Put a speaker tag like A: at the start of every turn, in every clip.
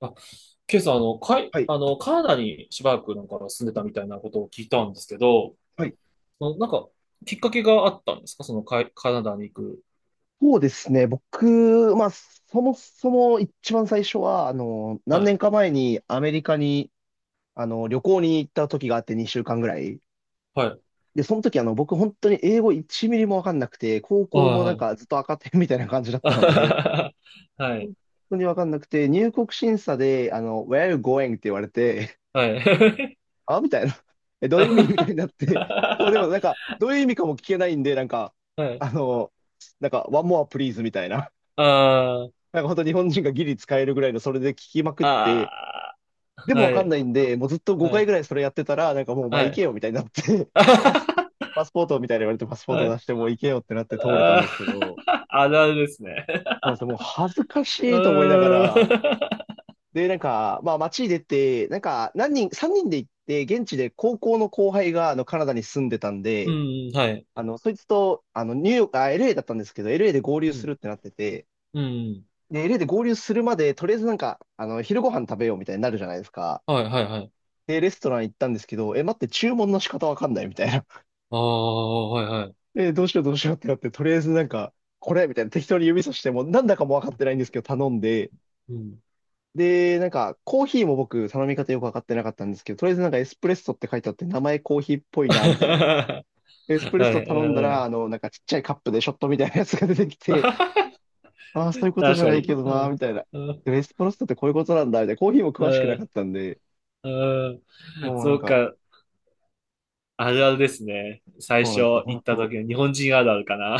A: あ、ケイさん、あの、かい、
B: はい。
A: あの、カナダにしばらく住んでたみたいなことを聞いたんですけど、
B: はい。
A: そのなんか、きっかけがあったんですか、そのかい、カナダに行く。
B: そうですね。僕、まあ、そもそも一番最初は、
A: は
B: 何年か
A: い、
B: 前にアメリカに、旅行に行った時があって2週間ぐらい。
A: はい、
B: で、その時、僕本当に英語1ミリもわかんなくて、高校もなん
A: はい、
B: かずっと赤点みたいな感じだったので、
A: はい。
B: 本当にわかんなくて、入国審査で、Where are you going? って言われて、
A: はい、はい。
B: あみたいな。え、どういう意味みたいになって、もうでもなんか、どういう意味かも聞けないんで、なんか、
A: はい。
B: あの、One more please みたいな。
A: あー、
B: なんか本当日本人がギリ使えるぐらいのそれで聞きまくって、
A: あ
B: で
A: ー、
B: もわ
A: は
B: かんな
A: い、
B: いんで、もうずっと
A: は
B: 5回
A: い、
B: ぐらいそれやってたら、なんかもうお前
A: は
B: 行け
A: い。
B: よみたいになって、パス、パスポートみたいに言われてパスポー
A: は
B: ト出
A: い、
B: してもう行けよってなって通れたん
A: あ
B: ですけど、そ
A: ー、あるあるですね。
B: うなんですよ。もう恥ずかし
A: う
B: いと思いなが
A: ー
B: ら、
A: ん、
B: で、なんか、まあ街に出て、なんか何人、3人で行って、現地で高校の後輩があのカナダに住んでたん
A: う
B: で、
A: ん、はい。
B: そいつと、ニューヨーク、あ、LA だったんですけど、LA で合
A: う
B: 流す
A: ん、
B: るってなってて、
A: うん、
B: で、LA で合流するまで、とりあえずなんか、昼ご飯食べようみたいになるじゃないですか。
A: はい、はい、はい。
B: で、レストラン行ったんですけど、え、待って、注文の仕方わかんないみたいな。
A: ああ、はいはい。
B: え、どうしようどうしようってなって、とりあえずなんか、これみたいな適当に指さしても、なんだかもわかってないんですけど、頼んで、
A: うん。
B: で、なんか、コーヒーも僕、頼み方よくわかってなかったんですけど、とりあえずなんかエスプレッソって書いてあって、名前コーヒーっぽ いな、みたいな。
A: は
B: エスプレッソ
A: い、
B: 頼んだ
A: う
B: ら、
A: ん。
B: なんかちっちゃいカップでショットみたいなやつが出てきて、ああ、そういうことじ
A: 確
B: ゃ
A: か
B: ないけ
A: に。
B: ど
A: う
B: な、
A: ん。
B: みたいな。
A: うん。
B: でエスプレッソってこういうことなんだ、みたいな。コーヒーも詳しくな
A: う
B: か
A: ん。
B: ったんで、
A: うん、
B: もうな
A: そ
B: ん
A: う
B: か、
A: か。あるあるですね。最
B: そうな
A: 初
B: んですよ。
A: 行
B: 本
A: った
B: 当
A: 時の日本人あるあるかな。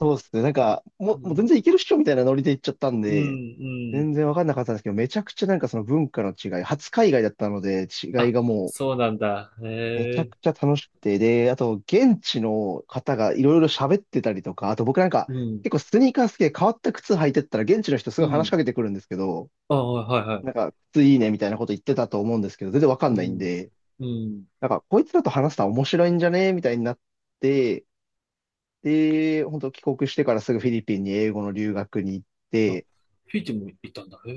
B: そうっすね。なんか、
A: う
B: もう全
A: ん。
B: 然いけるっしょみたいなノリで行っちゃったん
A: うん。
B: で、
A: う
B: 全
A: ん。
B: 然わかんなかったんですけど、めちゃくちゃなんかその文化の違い、初海外だったので、違い
A: あ、
B: がもう、
A: そうなんだ。へ
B: めちゃく
A: え。
B: ちゃ楽しくて、で、あと、現地の方がいろいろ喋ってたりとか、あと僕なんか、
A: うん。
B: 結構スニーカー好きで変わった靴履いてったら、現地の人す
A: う
B: ごい話し
A: ん。
B: かけてくるんですけど、
A: ああ、はいは
B: なん
A: い。
B: か、靴いいねみたいなこと言ってたと思うんですけど、全然わか
A: う
B: んないん
A: ん。
B: で、
A: うん。
B: なんか、こいつらと話したら面白いんじゃねみたいになって、で、本当帰国してからすぐフィリピンに英語の留学に行っ
A: あ、
B: て、
A: フィジーも行ったんだ。へ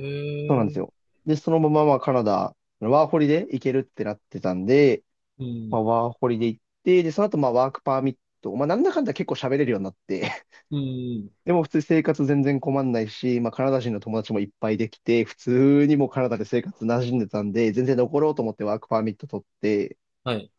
B: そうなんです
A: え。
B: よ。で、そのまままあカナダ、ワーホリで行けるってなってたんで、
A: う
B: ま
A: ん。
B: あ、ワーホリで行って、で、その後まあワークパーミット、まあなんだかんだ結構喋れるようになって、
A: うん。
B: でも普通に生活全然困んないし、まあカナダ人の友達もいっぱいできて、普通にもうカナダで生活馴染んでたんで、全然残ろうと思ってワークパーミット取って、
A: はい。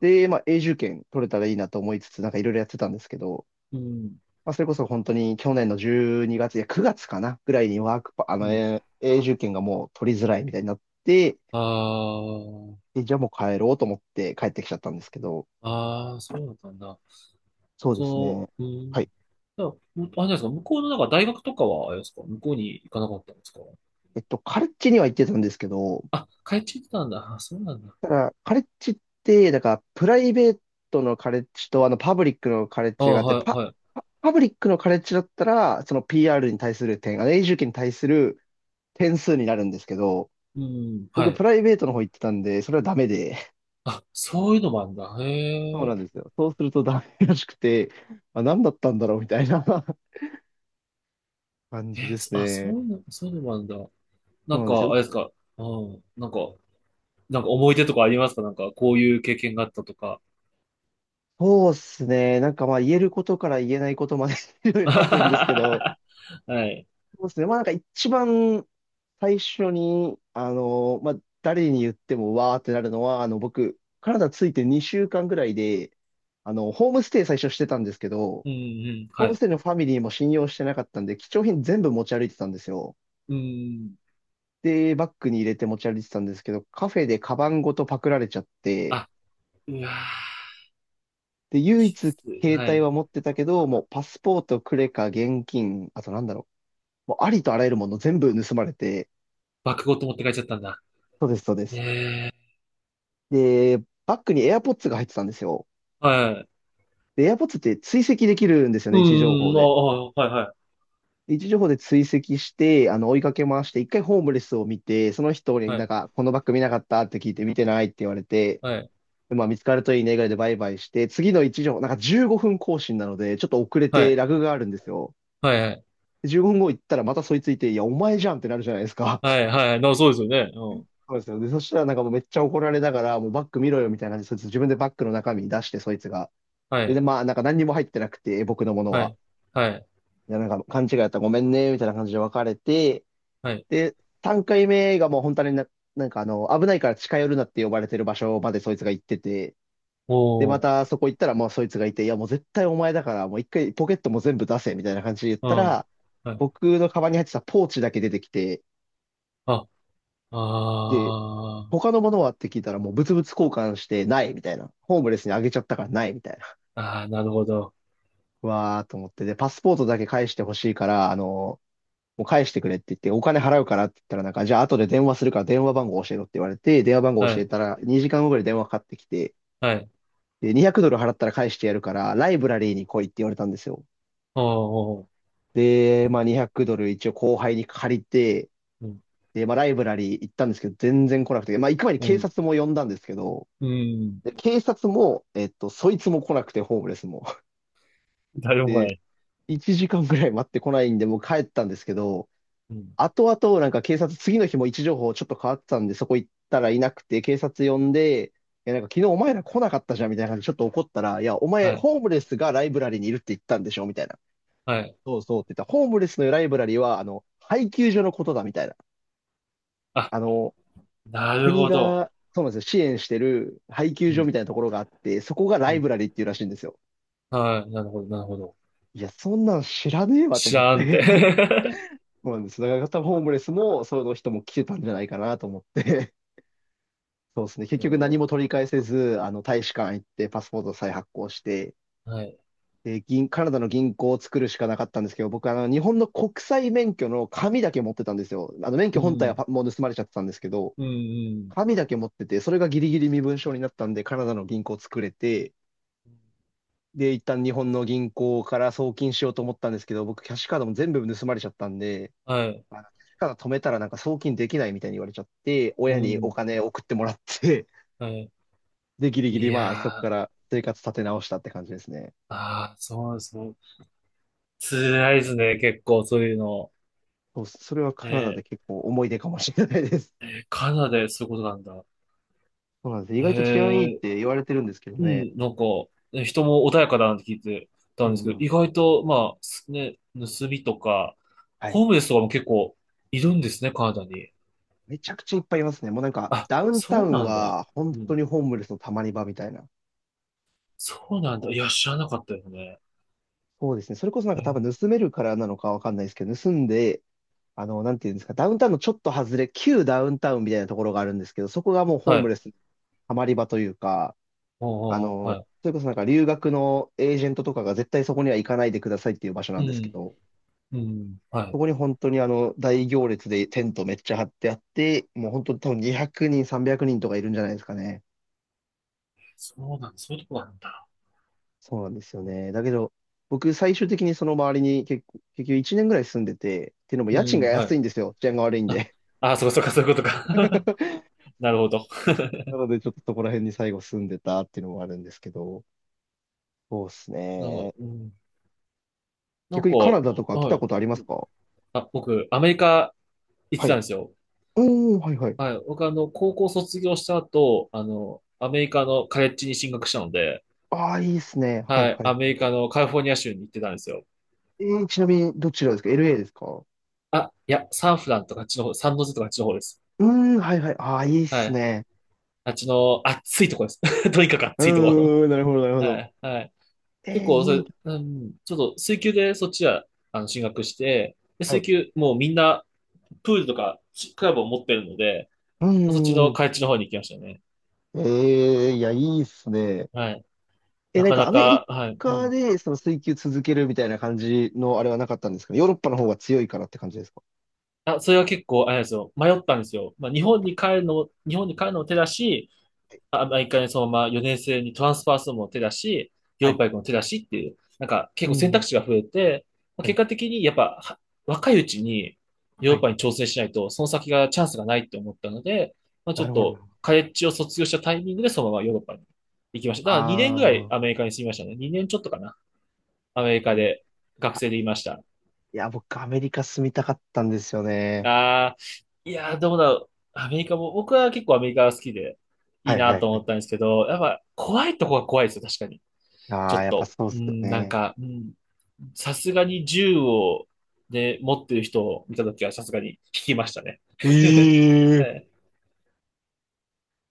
B: で、まあ永住権取れたらいいなと思いつつ、なんかいろいろやってたんですけど、
A: うん。
B: まあ、それこそ本当に去年の12月、いや9月かなぐらいにワークパ、
A: うん。
B: 永住権がもう取りづらいみたいになって、
A: ああ。
B: で、じゃあもう帰ろうと思って帰ってきちゃったんですけど、
A: ああ、そうだったんだ。
B: そうです
A: そ
B: ね。
A: う、う
B: はい。
A: ん。じゃあ、むあれですか、向こうの大学とかは、あれですか、向こうに行かなかったんですか？
B: えっと、カレッジには行ってたんですけど、
A: あ、帰っちゃってたんだ。あ、そうなんだ。
B: ただ、カレッジって、だから、プライベートのカレッジと、パブリックのカレッ
A: あ
B: ジがあ
A: あ、
B: って、
A: はい、はい。
B: パブリックのカレッジだったら、その PR に対する点、永住権に対する点数になるんですけど、
A: うん、は
B: 僕、プ
A: い。
B: ライベートの方行ってたんで、それはダメで、
A: あ、そういうのもあるんだ。
B: そ
A: へ
B: う
A: え。
B: なんですよ。そうするとダメらしくて、あ、何だったんだろうみたいな 感
A: え
B: じで
A: ー、
B: す
A: そ
B: ね。
A: ういうの、そういうのもあるんだ。な
B: そう
A: ん
B: なんです
A: か、あ
B: よ。
A: れですか、うん、なんか思い出とかありますか、なんか、こういう経験があったとか。
B: そうですね。なんかまあ言えることから言えないことまで いろい ろあるんですけど、
A: はい。
B: そうですね。まあなんか一番最初に、誰に言ってもわーってなるのは、あの僕、カナダ着いて2週間ぐらいで、ホームステイ最初してたんですけど、
A: うん、うん、
B: ホー
A: は
B: ムス
A: い。
B: テイのファミリーも信用してなかったんで、貴重品全部持ち歩いてたんですよ。
A: うん。
B: で、バッグに入れて持ち歩いてたんですけど、カフェでカバンごとパクられちゃって、
A: あ、うわー、
B: で、唯
A: き
B: 一
A: つい。
B: 携
A: は
B: 帯
A: い。
B: は持ってたけど、もうパスポート、クレカ、現金、あとなんだろう、もうありとあらゆるもの全部盗まれて、
A: 爆ごと持って帰っちゃったんだ。
B: そうです、そうです。
A: ええ、
B: で、バッグに AirPods が入ってたんですよ。
A: はい。
B: で、AirPods って追跡できるんですよ
A: う
B: ね、位置情報
A: ん、あ
B: で。
A: あ、はい、は
B: 位置情報で追跡して、追いかけ回して、一回ホームレスを見て、その人になん
A: い、
B: か、このバッグ見なかったって聞いて、見てないって言われて、
A: はい、
B: でまあ、見つかるといいねぐらいでバイバイして、次の1条なんか15分更新なので、ちょっと遅れ
A: はい、は
B: て
A: い、
B: ラグがあるんですよ。
A: はい、はい、
B: で15分後行ったらまたそいついて、いや、お前じゃんってなるじゃないですか。
A: はい、な、そうですよね。うん。
B: そうですよ。で、そしたらなんかもうめっちゃ怒られながら、もうバッグ見ろよみたいな感じで、そいつ自分でバッグの中身出して、そいつが。
A: は
B: で、で
A: い、
B: まあ、なんか何にも入ってなくて、僕のもの
A: は
B: は。
A: い、はい、
B: いや、なんか勘違いだったらごめんね、みたいな感じで別れて、
A: はい。
B: で、3回目がもう本当にな、危ないから近寄るなって呼ばれてる場所までそいつが行ってて、で、ま
A: おー、
B: たそこ行ったら、もうそいつがいて、いや、もう絶対お前だから、もう一回ポケットも全部出せ、みたいな感じで言っ
A: う
B: た
A: ん、
B: ら、
A: はい。
B: 僕のカバンに入ってたポーチだけ出てきて、
A: あ、あ
B: で、他
A: ー、
B: のものはって聞いたら、もう物々交換して、ない、みたいな。ホームレスにあげちゃったから、ない、みたいな。
A: あー、なるほど。
B: うわーと思って、で、パスポートだけ返してほしいから、もう返してくれって言って、お金払うからって言ったら、なんか、じゃあ後で電話するから電話番号教えろって言われて、電話番号
A: は
B: 教え
A: い、
B: たら、2時間後ぐらい電話かかってきて、
A: はい、
B: で、200ドル払ったら返してやるから、ライブラリーに来いって言われたんですよ。
A: お
B: で、まあ200ドル一応後輩に借りて、
A: ー、うん、
B: で、まあライブラリー行ったんですけど、全然来なくて、まあ行く前に
A: う
B: 警
A: ん、
B: 察も呼んだんですけど、
A: うん。
B: で、警察も、そいつも来なくて、ホームレスも。
A: 誰も来な
B: で、
A: い。
B: 1時間ぐらい待ってこないんで、もう帰ったんですけど、
A: うん、
B: 後々なんか警察、次の日も位置情報ちょっと変わってたんで、そこ行ったらいなくて、警察呼んで、いや、なんか昨日お前ら来なかったじゃんみたいな感じでちょっと怒ったら、いや、お前、
A: はい、
B: ホームレスがライブラリーにいるって言ったんでしょみたいな。
A: はい。
B: そうそうって言ったら、ホームレスのライブラリーは、配給所のことだみたいな。
A: あ、
B: あの、
A: なる
B: 国
A: ほど。
B: が、そうなんですよ、支援してる配
A: う
B: 給所
A: ん、
B: みたいなところがあって、そこがラ
A: う
B: イ
A: ん、
B: ブラリーっていうらしいんですよ。
A: はい、なるほど、なるほど。
B: いや、そんなん知らねえわと
A: 知
B: 思っ
A: らんって。
B: て。そうなんです。だから多分ホームレスも、その人も来てたんじゃないかなと思って。そうですね。結
A: え
B: 局何
A: ー、
B: も取り返せず、大使館行って、パスポート再発行して、
A: はい。
B: で、カナダの銀行を作るしかなかったんですけど、僕、日本の国際免許の紙だけ持ってたんですよ。免許
A: う
B: 本体
A: ん、
B: はもう盗まれちゃってたんですけど、
A: うん、うん。
B: 紙だけ持ってて、それがギリギリ身分証になったんで、カナダの銀行を作れて、で、一旦日本の銀行から送金しようと思ったんですけど、僕、キャッシュカードも全部盗まれちゃったんで、
A: はい。
B: キャッシュカード止めたらなんか送金できないみたいに言われちゃって、
A: う
B: 親にお
A: ん。
B: 金送ってもらって、
A: はい。
B: で、ギリギ
A: い
B: リまあ、そこ
A: や
B: か
A: ー、
B: ら生活立て直したって感じですね。
A: ああ、そうです。もう辛いですね、結構、そういうの。
B: そう、それはカナダ
A: え
B: で結構思い出かもしれないです。
A: ー、え、カナダでそういうことなんだ。
B: そうなんです。意外と治安いいっ
A: えー、
B: て言われてるんですけど
A: う
B: ね。
A: ん、なんか、ね、人も穏やかだなんて聞いて
B: う
A: たんですけど、
B: ん。
A: 意外と、まあ、すね、盗みとか、
B: はい。
A: ホームレスとかも結構いるんですね、カナダに。
B: めちゃくちゃいっぱいいますね。もうなんか、
A: あ、
B: ダウンタウ
A: そう
B: ン
A: なんだ。
B: は本
A: う
B: 当
A: ん。
B: にホームレスのたまり場みたいな。
A: そうなんだ。いや、知らなかったですね。
B: そうですね。それこそなん
A: え
B: か多分
A: ー、
B: 盗めるからなのかわかんないですけど、盗んで、なんていうんですか、ダウンタウンのちょっと外れ、旧ダウンタウンみたいなところがあるんですけど、そこがもうホ
A: は
B: ーム
A: い。
B: レスのハマり場というか、
A: ああ、はい。
B: それこそなんか留学のエージェントとかが絶対そこには行かないでくださいっていう場所な
A: う
B: んですけ
A: ん、
B: ど、
A: うん、は
B: そ
A: い。
B: こに本当に大行列でテントめっちゃ張ってあって、もう本当に多分200人、300人とかいるんじゃないですかね。
A: そうなんだ、そういうとこなんだ。
B: そうなんですよね。だけど、僕最終的にその周りに結構、結局1年ぐらい住んでて、っていうのも
A: う
B: 家賃が
A: ん、は
B: 安
A: い。
B: いんですよ。治安が悪いん
A: あ、
B: で。
A: あ、そうかそうか、そういうことか。なるほど。
B: なのでちょっとそこら辺に最後住んでたっていうのもあるんですけど、そうです
A: あ、
B: ね。
A: うん、なん
B: 逆に
A: か、
B: カナダとか来
A: は
B: た
A: い。
B: ことありますか？
A: あ、僕、アメリカ行って
B: は
A: たん
B: い。
A: ですよ。
B: おー、はいはい。
A: はい。僕、あの、高校卒業した後、あの、アメリカのカレッジに進学したので、
B: ああ、いいですね。はい
A: はい。
B: はい
A: アメ
B: はい。
A: リカのカリフォルニア州に行ってたんですよ。
B: ちなみに、どちらですか ?LA ですか？う
A: あ、いや、サンフランとかあっちの方、サンノゼとかあっちの方です。
B: ーん、はいはい。ああ、いいっ
A: は
B: す
A: い。
B: ね。
A: あっちの暑いとこです。とにかく暑いとこ。
B: うーん、なるほど、なる ほ
A: は
B: ど。
A: い。はい。結構、そ
B: い
A: れ、
B: い。
A: うん、ちょっと、水球でそっちは、あの、進学して、で
B: は
A: 水
B: い。
A: 球、もうみんな、プールとか、クラブを持ってるので、
B: う
A: まあそっち
B: ー
A: の
B: ん。
A: 海地の方に行きましたね。
B: いや、いいっすね。
A: はい。
B: え、
A: な
B: なん
A: か
B: か
A: な
B: アメリ
A: か、はい。う
B: カ
A: ん。
B: で、その水球続けるみたいな感じのあれはなかったんですかね？ヨーロッパの方が強いからって感じですか？
A: あ、それは結構、あれなんですよ。迷ったんですよ。まあ、
B: は
A: 日本に帰るのも手だし、
B: い。
A: アメリカにそのまま4年生にトランスファーするのも手だし、ヨ
B: は
A: ーロッ
B: い。
A: パ行くのも手だしっていう、なんか
B: う
A: 結構選択
B: ん、
A: 肢が増えて、まあ
B: は
A: 結
B: い。
A: 果的にやっぱは若いうちにヨー
B: は
A: ロッ
B: い。
A: パに挑戦しないと、その先がチャンスがないって思ったので、まあ、ち
B: な
A: ょっ
B: るほど。
A: とカレッジを卒業したタイミングでそのままヨーロッパに行きました。だから2
B: あ
A: 年ぐらいアメ
B: あ。
A: リカに住みましたね。2年ちょっとかな。アメリカで学生でいました。
B: いや、僕、アメリカ住みたかったんですよね。
A: ああ、いやー、どうだろう。アメリカも、僕は結構アメリカが好きでい
B: は
A: い
B: い
A: な
B: はい
A: と
B: は
A: 思
B: い。
A: ったんですけど、やっぱ怖いとこが怖いですよ、確かに。
B: あ
A: ちょ
B: あ、
A: っ
B: やっぱ
A: と、
B: そうっ
A: う
B: すよ
A: ん、なん
B: ね。
A: か、うん、さすがに銃を、ね、持ってる人を見たときはさすがに引きましたね。
B: え
A: は
B: え
A: い